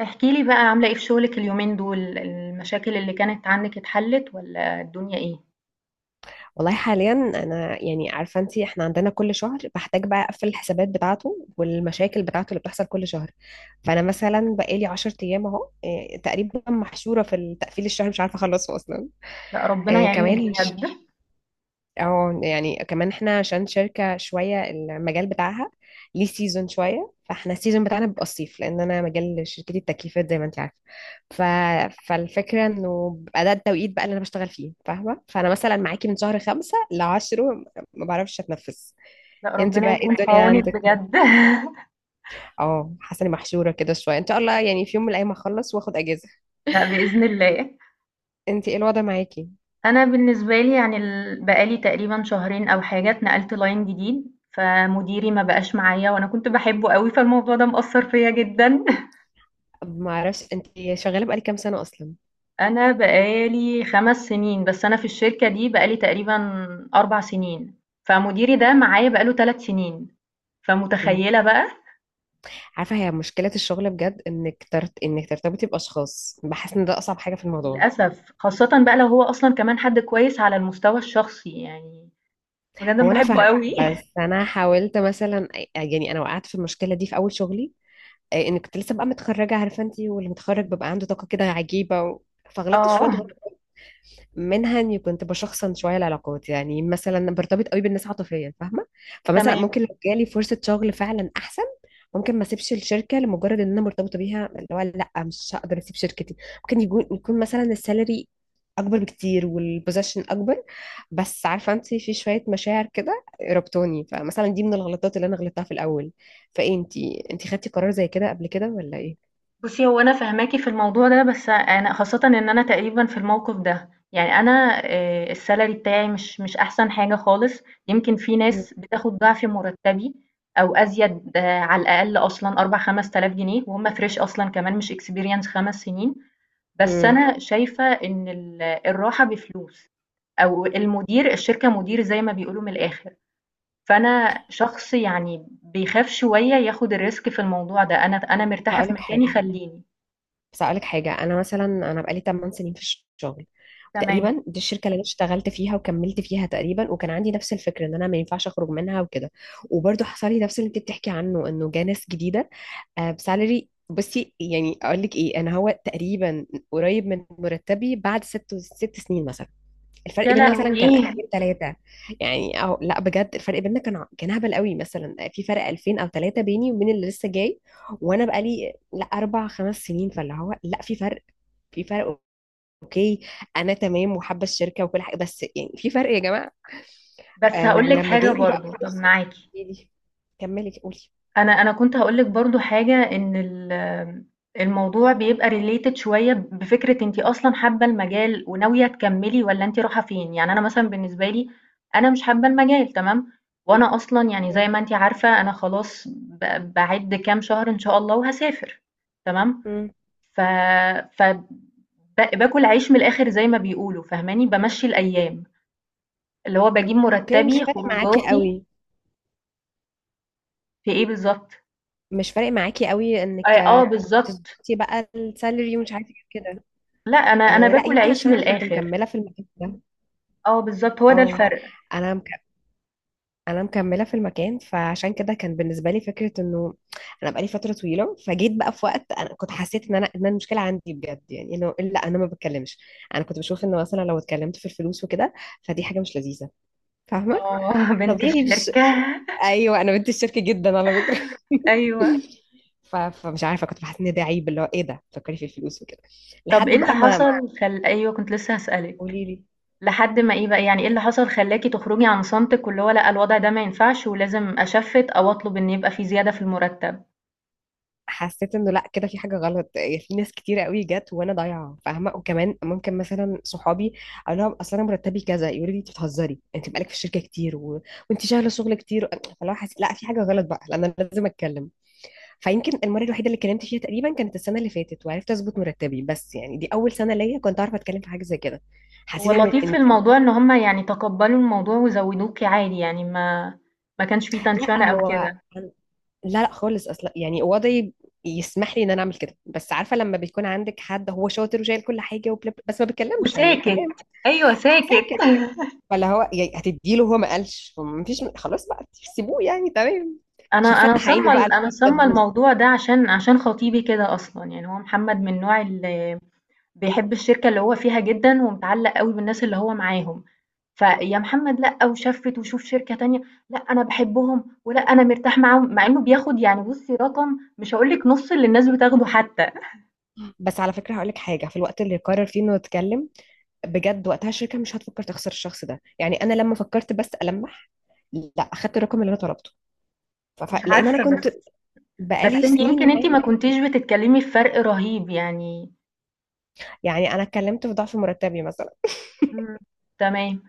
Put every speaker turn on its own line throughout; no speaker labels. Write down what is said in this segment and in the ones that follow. احكي لي بقى عاملة ايه في شغلك اليومين دول؟ المشاكل اللي كانت عندك اتحلت ولا الدنيا ايه؟
والله حاليا انا يعني عارفه انت، احنا عندنا كل شهر بحتاج بقى اقفل الحسابات بتاعته والمشاكل بتاعته اللي بتحصل كل شهر. فانا مثلا بقالي 10 ايام اهو، تقريبا محشوره في التقفيل الشهر، مش عارفه اخلصه اصلا.
لا ربنا يعينك
كمان.
بجد.
اه يعني كمان احنا عشان شركة شوية المجال بتاعها، ليه سيزون شوية، فاحنا السيزون بتاعنا بيبقى الصيف لان انا مجال شركتي التكييفات زي ما انت عارفة. ف... فالفكرة انه بيبقى ده التوقيت بقى اللي انا بشتغل فيه، فاهمة؟ فانا مثلا معاكي من شهر خمسة لعشره ما بعرفش اتنفس.
لا
انت
ربنا
بقى ايه
يكون في
الدنيا
عونك
عندك؟
بجد.
اه حاسة اني محشورة كده شوية، ان شاء الله يعني في يوم من الايام هخلص واخد اجازة.
لا بإذن الله.
انت ايه الوضع معاكي؟
انا بالنسبة لي يعني بقالي تقريبا شهرين او حاجة اتنقلت لاين جديد، فمديري ما بقاش معايا وانا كنت بحبه قوي، فالموضوع ده مأثر فيا جدا.
ما اعرفش انت، شغالة بقالك كام سنة اصلا؟
انا بقالي 5 سنين، بس انا في الشركة دي بقالي تقريبا 4 سنين، فمديري ده معايا بقاله 3 سنين، فمتخيلة بقى.
عارفة، هي مشكلة الشغل بجد انك ترتبطي باشخاص، بحس ان ده اصعب حاجة في الموضوع.
للأسف، خاصةً بقى لو هو أصلًا كمان حد كويس على المستوى الشخصي، يعني بجد أنا
هو انا
باحبه
فاهمة
أوي.
بس انا حاولت مثلا، يعني انا وقعت في المشكلة دي في اول شغلي، ان كنت لسه بقى متخرجة، عارفة انتي، واللي متخرج بيبقى عنده طاقة كده عجيبة، فغلبت شوية
آه،
منها اني كنت بشخصن شويه العلاقات، يعني مثلا برتبط قوي بالناس عاطفيا، فاهمه؟ فمثلا
تمام.
ممكن لو جالي فرصه شغل فعلا احسن، ممكن ما اسيبش الشركه لمجرد ان انا مرتبطه بيها، اللي هو لا مش هقدر اسيب شركتي. ممكن يكون مثلا السالري اكبر بكتير والبوزيشن اكبر. بس عارفه انت، في شويه مشاعر كده ربطوني، فمثلا دي من الغلطات اللي انا غلطتها في الاول. فايه انت انت خدتي قرار زي كده قبل كده ولا ايه؟
بُصّي، هو أنا فاهماكِ في الموضوع ده، بس أنا خاصةً إن أنا تقريبًا في الموقف ده، يعني أنا الsalary بتاعي مش أحسن حاجة خالص، يمكن في
مم.
ناس بتاخد ضعف مرتبي أو أزيد، آه، على الأقل أصلًا 4، 5000 جنيه وهُم fresh أصلًا كمان مش experience 5 سنين، بس
امم.
أنا شايفة إن الراحة بفلوس، أو المدير الشركة مدير زي ما بيقولوا من الآخر، فأنا شخص يعني بيخاف شوية ياخد الrisk في الموضوع ده، أنا مرتاحة في
هقولك
مكاني
حاجه،
خلّيني.
بس أقولك حاجة، أنا مثلا بقالي 8 سنين في الشغل،
تمام.
وتقريبا دي الشركة اللي أنا اشتغلت فيها وكملت فيها تقريبا، وكان عندي نفس الفكرة إن أنا ما ينفعش أخرج منها وكده. وبرضه حصل لي نفس اللي أنت بتحكي عنه، إنه جه ناس جديدة. بسالري بصي يعني أقولك إيه، أنا هو تقريبا قريب من مرتبي بعد ست سنين مثلا. الفرق
يا
بيننا مثلا كان
لهوي!
2000 3. يعني او لا، بجد الفرق بيننا كان هبل قوي، مثلا في فرق 2000 او 3 بيني وبين اللي لسه جاي. وانا بقالي لا اربع خمس سنين، فاللي هو لا في فرق. اوكي، انا تمام وحابه الشركه وكل حاجه، بس يعني في فرق يا جماعه.
بس هاقول لِك
ولما
حاجة
جالي بقى
برضه، طَب
فرصه
معاكِ.
دي. كملي قولي.
أنا كنت هاقول لِك برضه حاجة إن الموضوع بيبقى related شوية بفكرة أنتِ أصلًا حابة المجال وناوية تكمّلي والّا أنتِ رايحة فين، يعني أنا مثلًا بالنسبة لي أنا مش حابة المجال، تمام، وأنا أصلًا يعني زي
مم.
ما أنتِ عارفة أنا خلاص باعِد كام شهر إن شاء الله وهاسافر، تمام،
مم.
ف ف ب باكل عيش من الآخر زي ما بيقولوا، فاهماني، بامشّي الأيام، اللي هو باجيب
اوكي، مش
مُرتّبي،
فارق معاكي
خروجاتي
قوي
في إيه بالضبط.
مش فارق معاكي قوي انك
آه بالضبط.
تظبطي بقى السالري ومش عارفه إيه كده.
لأ، أنا
لا
باكل
يمكن
عيش
عشان
من
انا كنت
الآخر.
مكمله في المكان ده.
آه بالضبط، هو ده
اه
الفرق.
انا مك... انا مكمله في المكان، فعشان كده كان بالنسبه لي فكره انه انا بقالي فتره طويله، فجيت بقى في وقت انا كنت حسيت ان أنا المشكله عندي بجد، يعني انه لا انا ما بتكلمش. انا كنت بشوف ان مثلا لو اتكلمت في الفلوس وكده، فدي حاجه مش لذيذه، فاهمه؟
آه، بنت
طبيعي مش؟
الشركة.
ايوه انا بنت الشركه جدا على فكره.
أيوه.
فمش عارفه كنت بحس ان ده عيب، اللي هو ايه ده تفكري في الفلوس وكده؟
طَب
لحد
إيه اللي
بقى ما.
حصل خل أيوه، كنت لسه هاسألِك.
قولي لي.
لحد ما إيه بقى، يعني إيه اللي حصل خلّاكِ تخرجي عن صمتِك واللي هو لأ، الوضع ده ما ينفعش ولازم أشفِّت أو أطلب إن يبقى في زيادة في المرتب؟
حسيت انه لا كده في حاجه غلط، يعني في ناس كتيره قوي جت وانا ضايعه، فاهمه؟ وكمان ممكن مثلا صحابي اقول لهم اصل انا مرتبي كذا، يقولوا لي انت بتهزري، انت بقالك في الشركه كتير، وانت شغاله شغل كتير. فلو حسيت لا في حاجه غلط بقى لان انا لازم اتكلم. فيمكن المره الوحيده اللي اتكلمت فيها تقريبا كانت السنه اللي فاتت وعرفت اظبط مرتبي، بس يعني دي اول سنه ليا كنت اعرف اتكلم في حاجه زي كده.
هو
حسيت ان
اللطيف
ان
في
كنت-
الموضوع إن هم يعني تقبّلوا الموضوع وزوّدوكِ عادي، يعني ما كانش في
لا
تنشنة أو
هو
كده.
لا لا خالص اصلا، يعني وضعي يسمح لي ان انا اعمل كده، بس عارفه لما بيكون عندك حد هو شاطر وشايل كل حاجه بس ما بيتكلمش يعني،
وساكت.
تمام،
أيوه ساكت.
ساكت. فاللي هو يعني هتديله، هو ما قالش فما فيش، خلاص بقى سيبوه يعني تمام.
انا
مش
انا
هنفتح
صمم
عينه بقى على
انا
الفلوس، ده
صمم
تبوظ.
الموضوع ده عشان خطيبي كده اصلا، يعني هو محمد من النوع اللي بيحب الشركه اللي هو فيها جدا ومتعلق قوي بالناس اللي هو معاهم. فيا محمد، لا وشفت وشوف شركه تانية. لا انا بحبهم ولا انا مرتاح معاهم، مع انه بياخد يعني بصي رقم مش هقول لك نص اللي الناس بتاخده حتى.
بس على فكره هقول لك حاجه، في الوقت اللي يقرر فيه انه يتكلم بجد، وقتها الشركه مش هتفكر تخسر الشخص ده، يعني انا لما فكرت بس المح لا اخدت الرقم اللي انا طلبته،
مش
لان انا
عارفه،
كنت
بس
بقالي
بس انت
سنين
يمكن انت ما
معاه.
كنتيش بتتكلمي في فرق رهيب يعني.
يعني انا اتكلمت في ضعف مرتبي مثلا،
مم. تمام.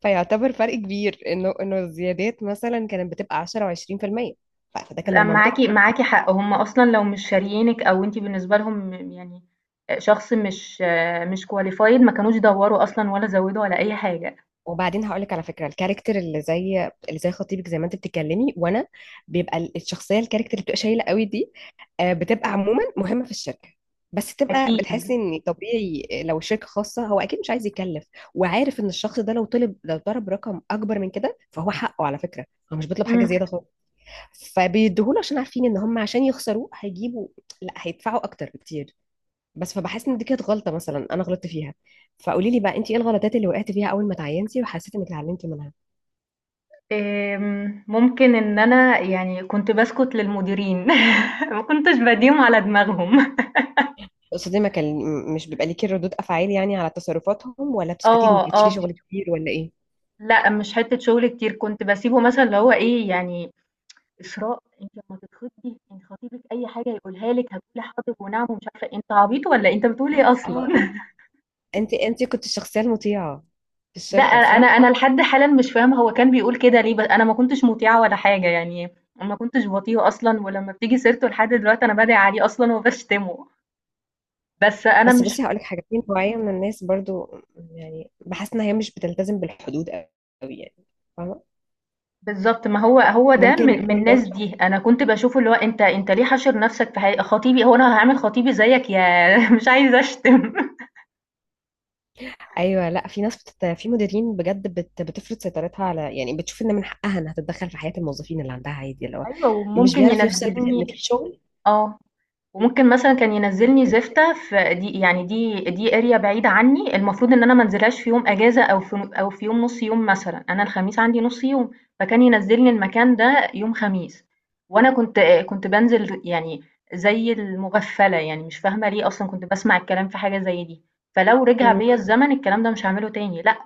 فيعتبر فرق كبير، انه الزيادات مثلا كانت بتبقى 10% و20%، فده كان
لأ معاكِ
المنطق.
معاكِ حق، هُم أصلًا لو مش شاريينِك أو أنتِ بالنسبة لهم يعني شخص مش qualified، ما كانوش دَوّروا أصلًا ولا زوّدوا ولا أي حاجة.
وبعدين هقول لك على فكره، الكاركتر اللي زي خطيبك، زي ما انت بتتكلمي وانا، بيبقى الشخصيه، الكاركتر اللي بتبقى شايله قوي دي، بتبقى عموما مهمه في الشركه. بس تبقى
أكيد.
بتحسي ان طبيعي، لو الشركه خاصه، هو اكيد مش عايز يكلف، وعارف ان الشخص ده لو طلب لو ضرب رقم اكبر من كده، فهو حقه على فكره، هو مش بيطلب حاجه
إمم.
زياده خالص. فبيديهوله عشان عارفين ان هم عشان يخسروه هيجيبوا، لا هيدفعوا اكتر بكتير. بس فبحس ان دي كانت غلطه مثلا انا غلطت فيها. فقولي لي بقى انت، ايه الغلطات اللي وقعتي فيها اول ما تعينتي وحسيتي انك اتعلمتي منها؟
ممكن إن أنا يعني كنت باسكت للمديرين، ما كنتش بادّيهم على دماغهم.
قصدي ما كان مش بيبقى ليكي ردود افعال يعني على تصرفاتهم، ولا بتسكتي انك
آه،
بتشيلي
آه،
شغل كتير، ولا ايه؟
لأ مش حتّة شغل كتير، كنت باسيبه مثلًا اللي هو إيه، يعني إسراء أنتِ لمّا تتخطبي أنتِ خطيبِك أي حاجة يقولها لِك هتقولي حاضر ونعم ومش عارفة إيه، أنت عبيط والّا أنت بتقول إيه أصلًا؟
اه انت كنت الشخصيه المطيعه في
لأ،
الشركه،
أنا
صح؟
أنا لحد حالًا مش فاهمة هو كان بيقول كده ليه، ب أنا ما كنتش مطيعة ولا حاجة يعني، ما كنتش باطيعه أصلًا، ولمّا بتيجي سيرته لحد دلوقتي أنا بادعي عليه أصلًا وباشتمه، بس أنا
بس
مش
بصي هقول لك حاجه، في نوعيه من الناس برضو، يعني بحس ان هي مش بتلتزم بالحدود قوي يعني، فاهمه؟
بالضبط، ما هو هو ده
ممكن
من
يكون ده.
الناس دي، أنا كنت باشوفه اللي هو أنت ليه حاشر نَفْسك في حاجة خطيبي، هو أنا هاعمل خطيبي زيّك؟ ياه! مش عايزة أشتم.
ايوه لا في مديرين بجد بتفرض سيطرتها على يعني، بتشوف ان من حقها انها تتدخل في حياه الموظفين اللي عندها عادي، اللي هو
أيوه،
مش
وممكن
بيعرف يفصل بين انك
ينزّلني.
الشغل.
آه. وممكن مثلًا كان ينزّلني زفتة في دي يعني دي area بعيدة عني، المفروض إن أنا ما انزلهاش في يوم أجازة أو في أو في يوم نُص يوم مثلًا، أنا الخميس عندي نُص يوم، فكان ينزّلني المكان ده يوم خميس، وأنا كنت بانزل يعني زي المغفّلة، يعني مش فاهمة ليه أصلًا كنت باسمع الكلام في حاجة زي دي، فلو رجع
أمم.
بيّا الزمن الكلام ده مش هاعمله تاني، لأ.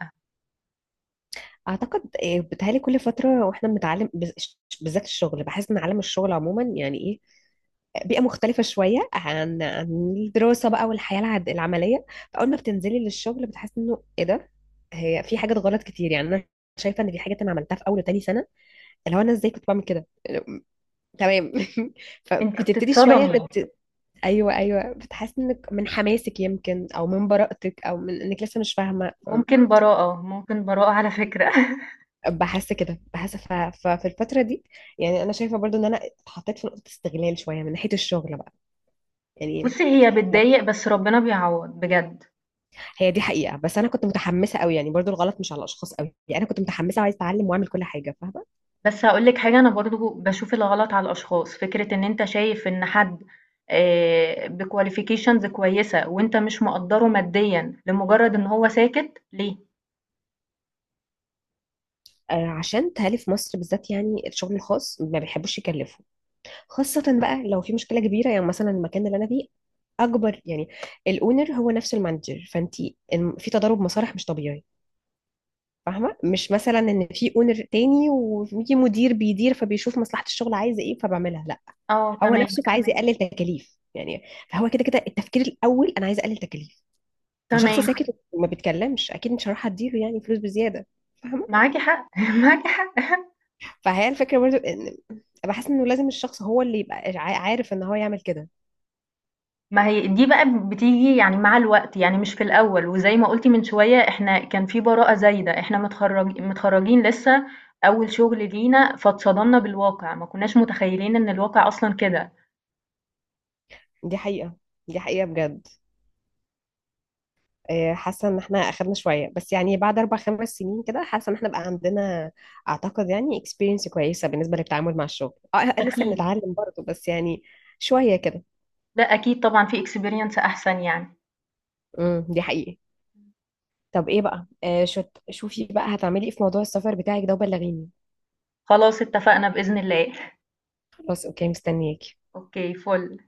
اعتقد إيه، بتهيألي كل فتره واحنا بنتعلم بالذات الشغل، بحس ان عالم الشغل عموما يعني ايه، بيئه مختلفه شويه عن الدراسه بقى والحياه العمليه. فاول ما بتنزلي للشغل بتحس انه ايه ده، هي في حاجات غلط كتير، يعني انا شايفه ان في حاجات انا عملتها في اول وتاني سنه، اللي هو انا ازاي كنت بعمل كده، تمام.
أنتِ
فبتبتدي شويه
بتتصدمي.
ايوه، ايوه، بتحس انك من حماسك يمكن، او من براءتك، او من انك لسه مش فاهمه.
ممكن براءة، ممكن براءة على فكرة.
بحس كده، ففي الفتره دي يعني، انا شايفه برضو ان انا اتحطيت في نقطه استغلال شويه من ناحيه الشغل بقى يعني.
بُصّي هي
أنا-
بتضايق بس ربنا بيعوّض بجد.
هي دي حقيقه، بس انا كنت متحمسه قوي يعني، برضو الغلط مش على الاشخاص قوي، يعني انا كنت متحمسه وعايزه اتعلم واعمل كل حاجه، فاهمه؟
بس هاقول لِك حاجة، أنا برضه باشوف الغلط على الأشخاص، فكرة إن أنت شايف إن حد بqualifications كويسة وأنت مش مقدّره ماديًا لمجرد إن هو ساكت ليه؟
عشان تهالي في مصر بالذات، يعني الشغل الخاص ما بيحبوش يكلفوا، خاصة بقى لو في مشكلة كبيرة، يعني مثلا المكان اللي أنا فيه أكبر، يعني الأونر هو نفس المانجر، فأنت في تضارب مصالح مش طبيعي. فاهمة؟ مش مثلا إن في أونر تاني وفي مدير بيدير، فبيشوف مصلحة الشغل عايزة إيه فبعملها. لا
آه
هو
تمام.
نفسه فعايز، تمام، يقلل تكاليف يعني، فهو كده كده التفكير الأول أنا عايز أقلل تكاليف. فشخص
تمام،
ساكت وما بيتكلمش أكيد مش هروح أديله يعني فلوس بزيادة، فاهمة؟
معاكِ حق. معاكِ حق.
فهي الفكرة برضو إن، بحس إنه لازم الشخص هو اللي يبقى عارف إن هو يعمل كده.
ما هي دي بقى بتيجي يعني مع الوقت، يعني مش في الأول، وزي ما قُلتِ من شوية إحنا كان في براءة زايدة، إحنا متخرجين لسه، أول شغل لينا، فاتصدمنا بالواقع، ما كناش متخيلين إن الواقع أصلًا كده.
دي حقيقة دي حقيقة بجد. حاسة ان احنا اخرنا شوية، بس يعني بعد اربع خمس سنين كده، حاسة ان احنا بقى عندنا اعتقد يعني experience كويسة بالنسبة للتعامل مع الشغل، لسه
أكيد.
بنتعلم برضه بس يعني شوية كده.
لأ أكيد طبعًا في experience أحسن يعني.
دي حقيقة. طب ايه بقى شوفي بقى هتعملي ايه في موضوع السفر بتاعك ده، وبلغيني.
خلاص اتفقنا بإذن الله.
خلاص، اوكي مستنياكي.
أوكي فُل.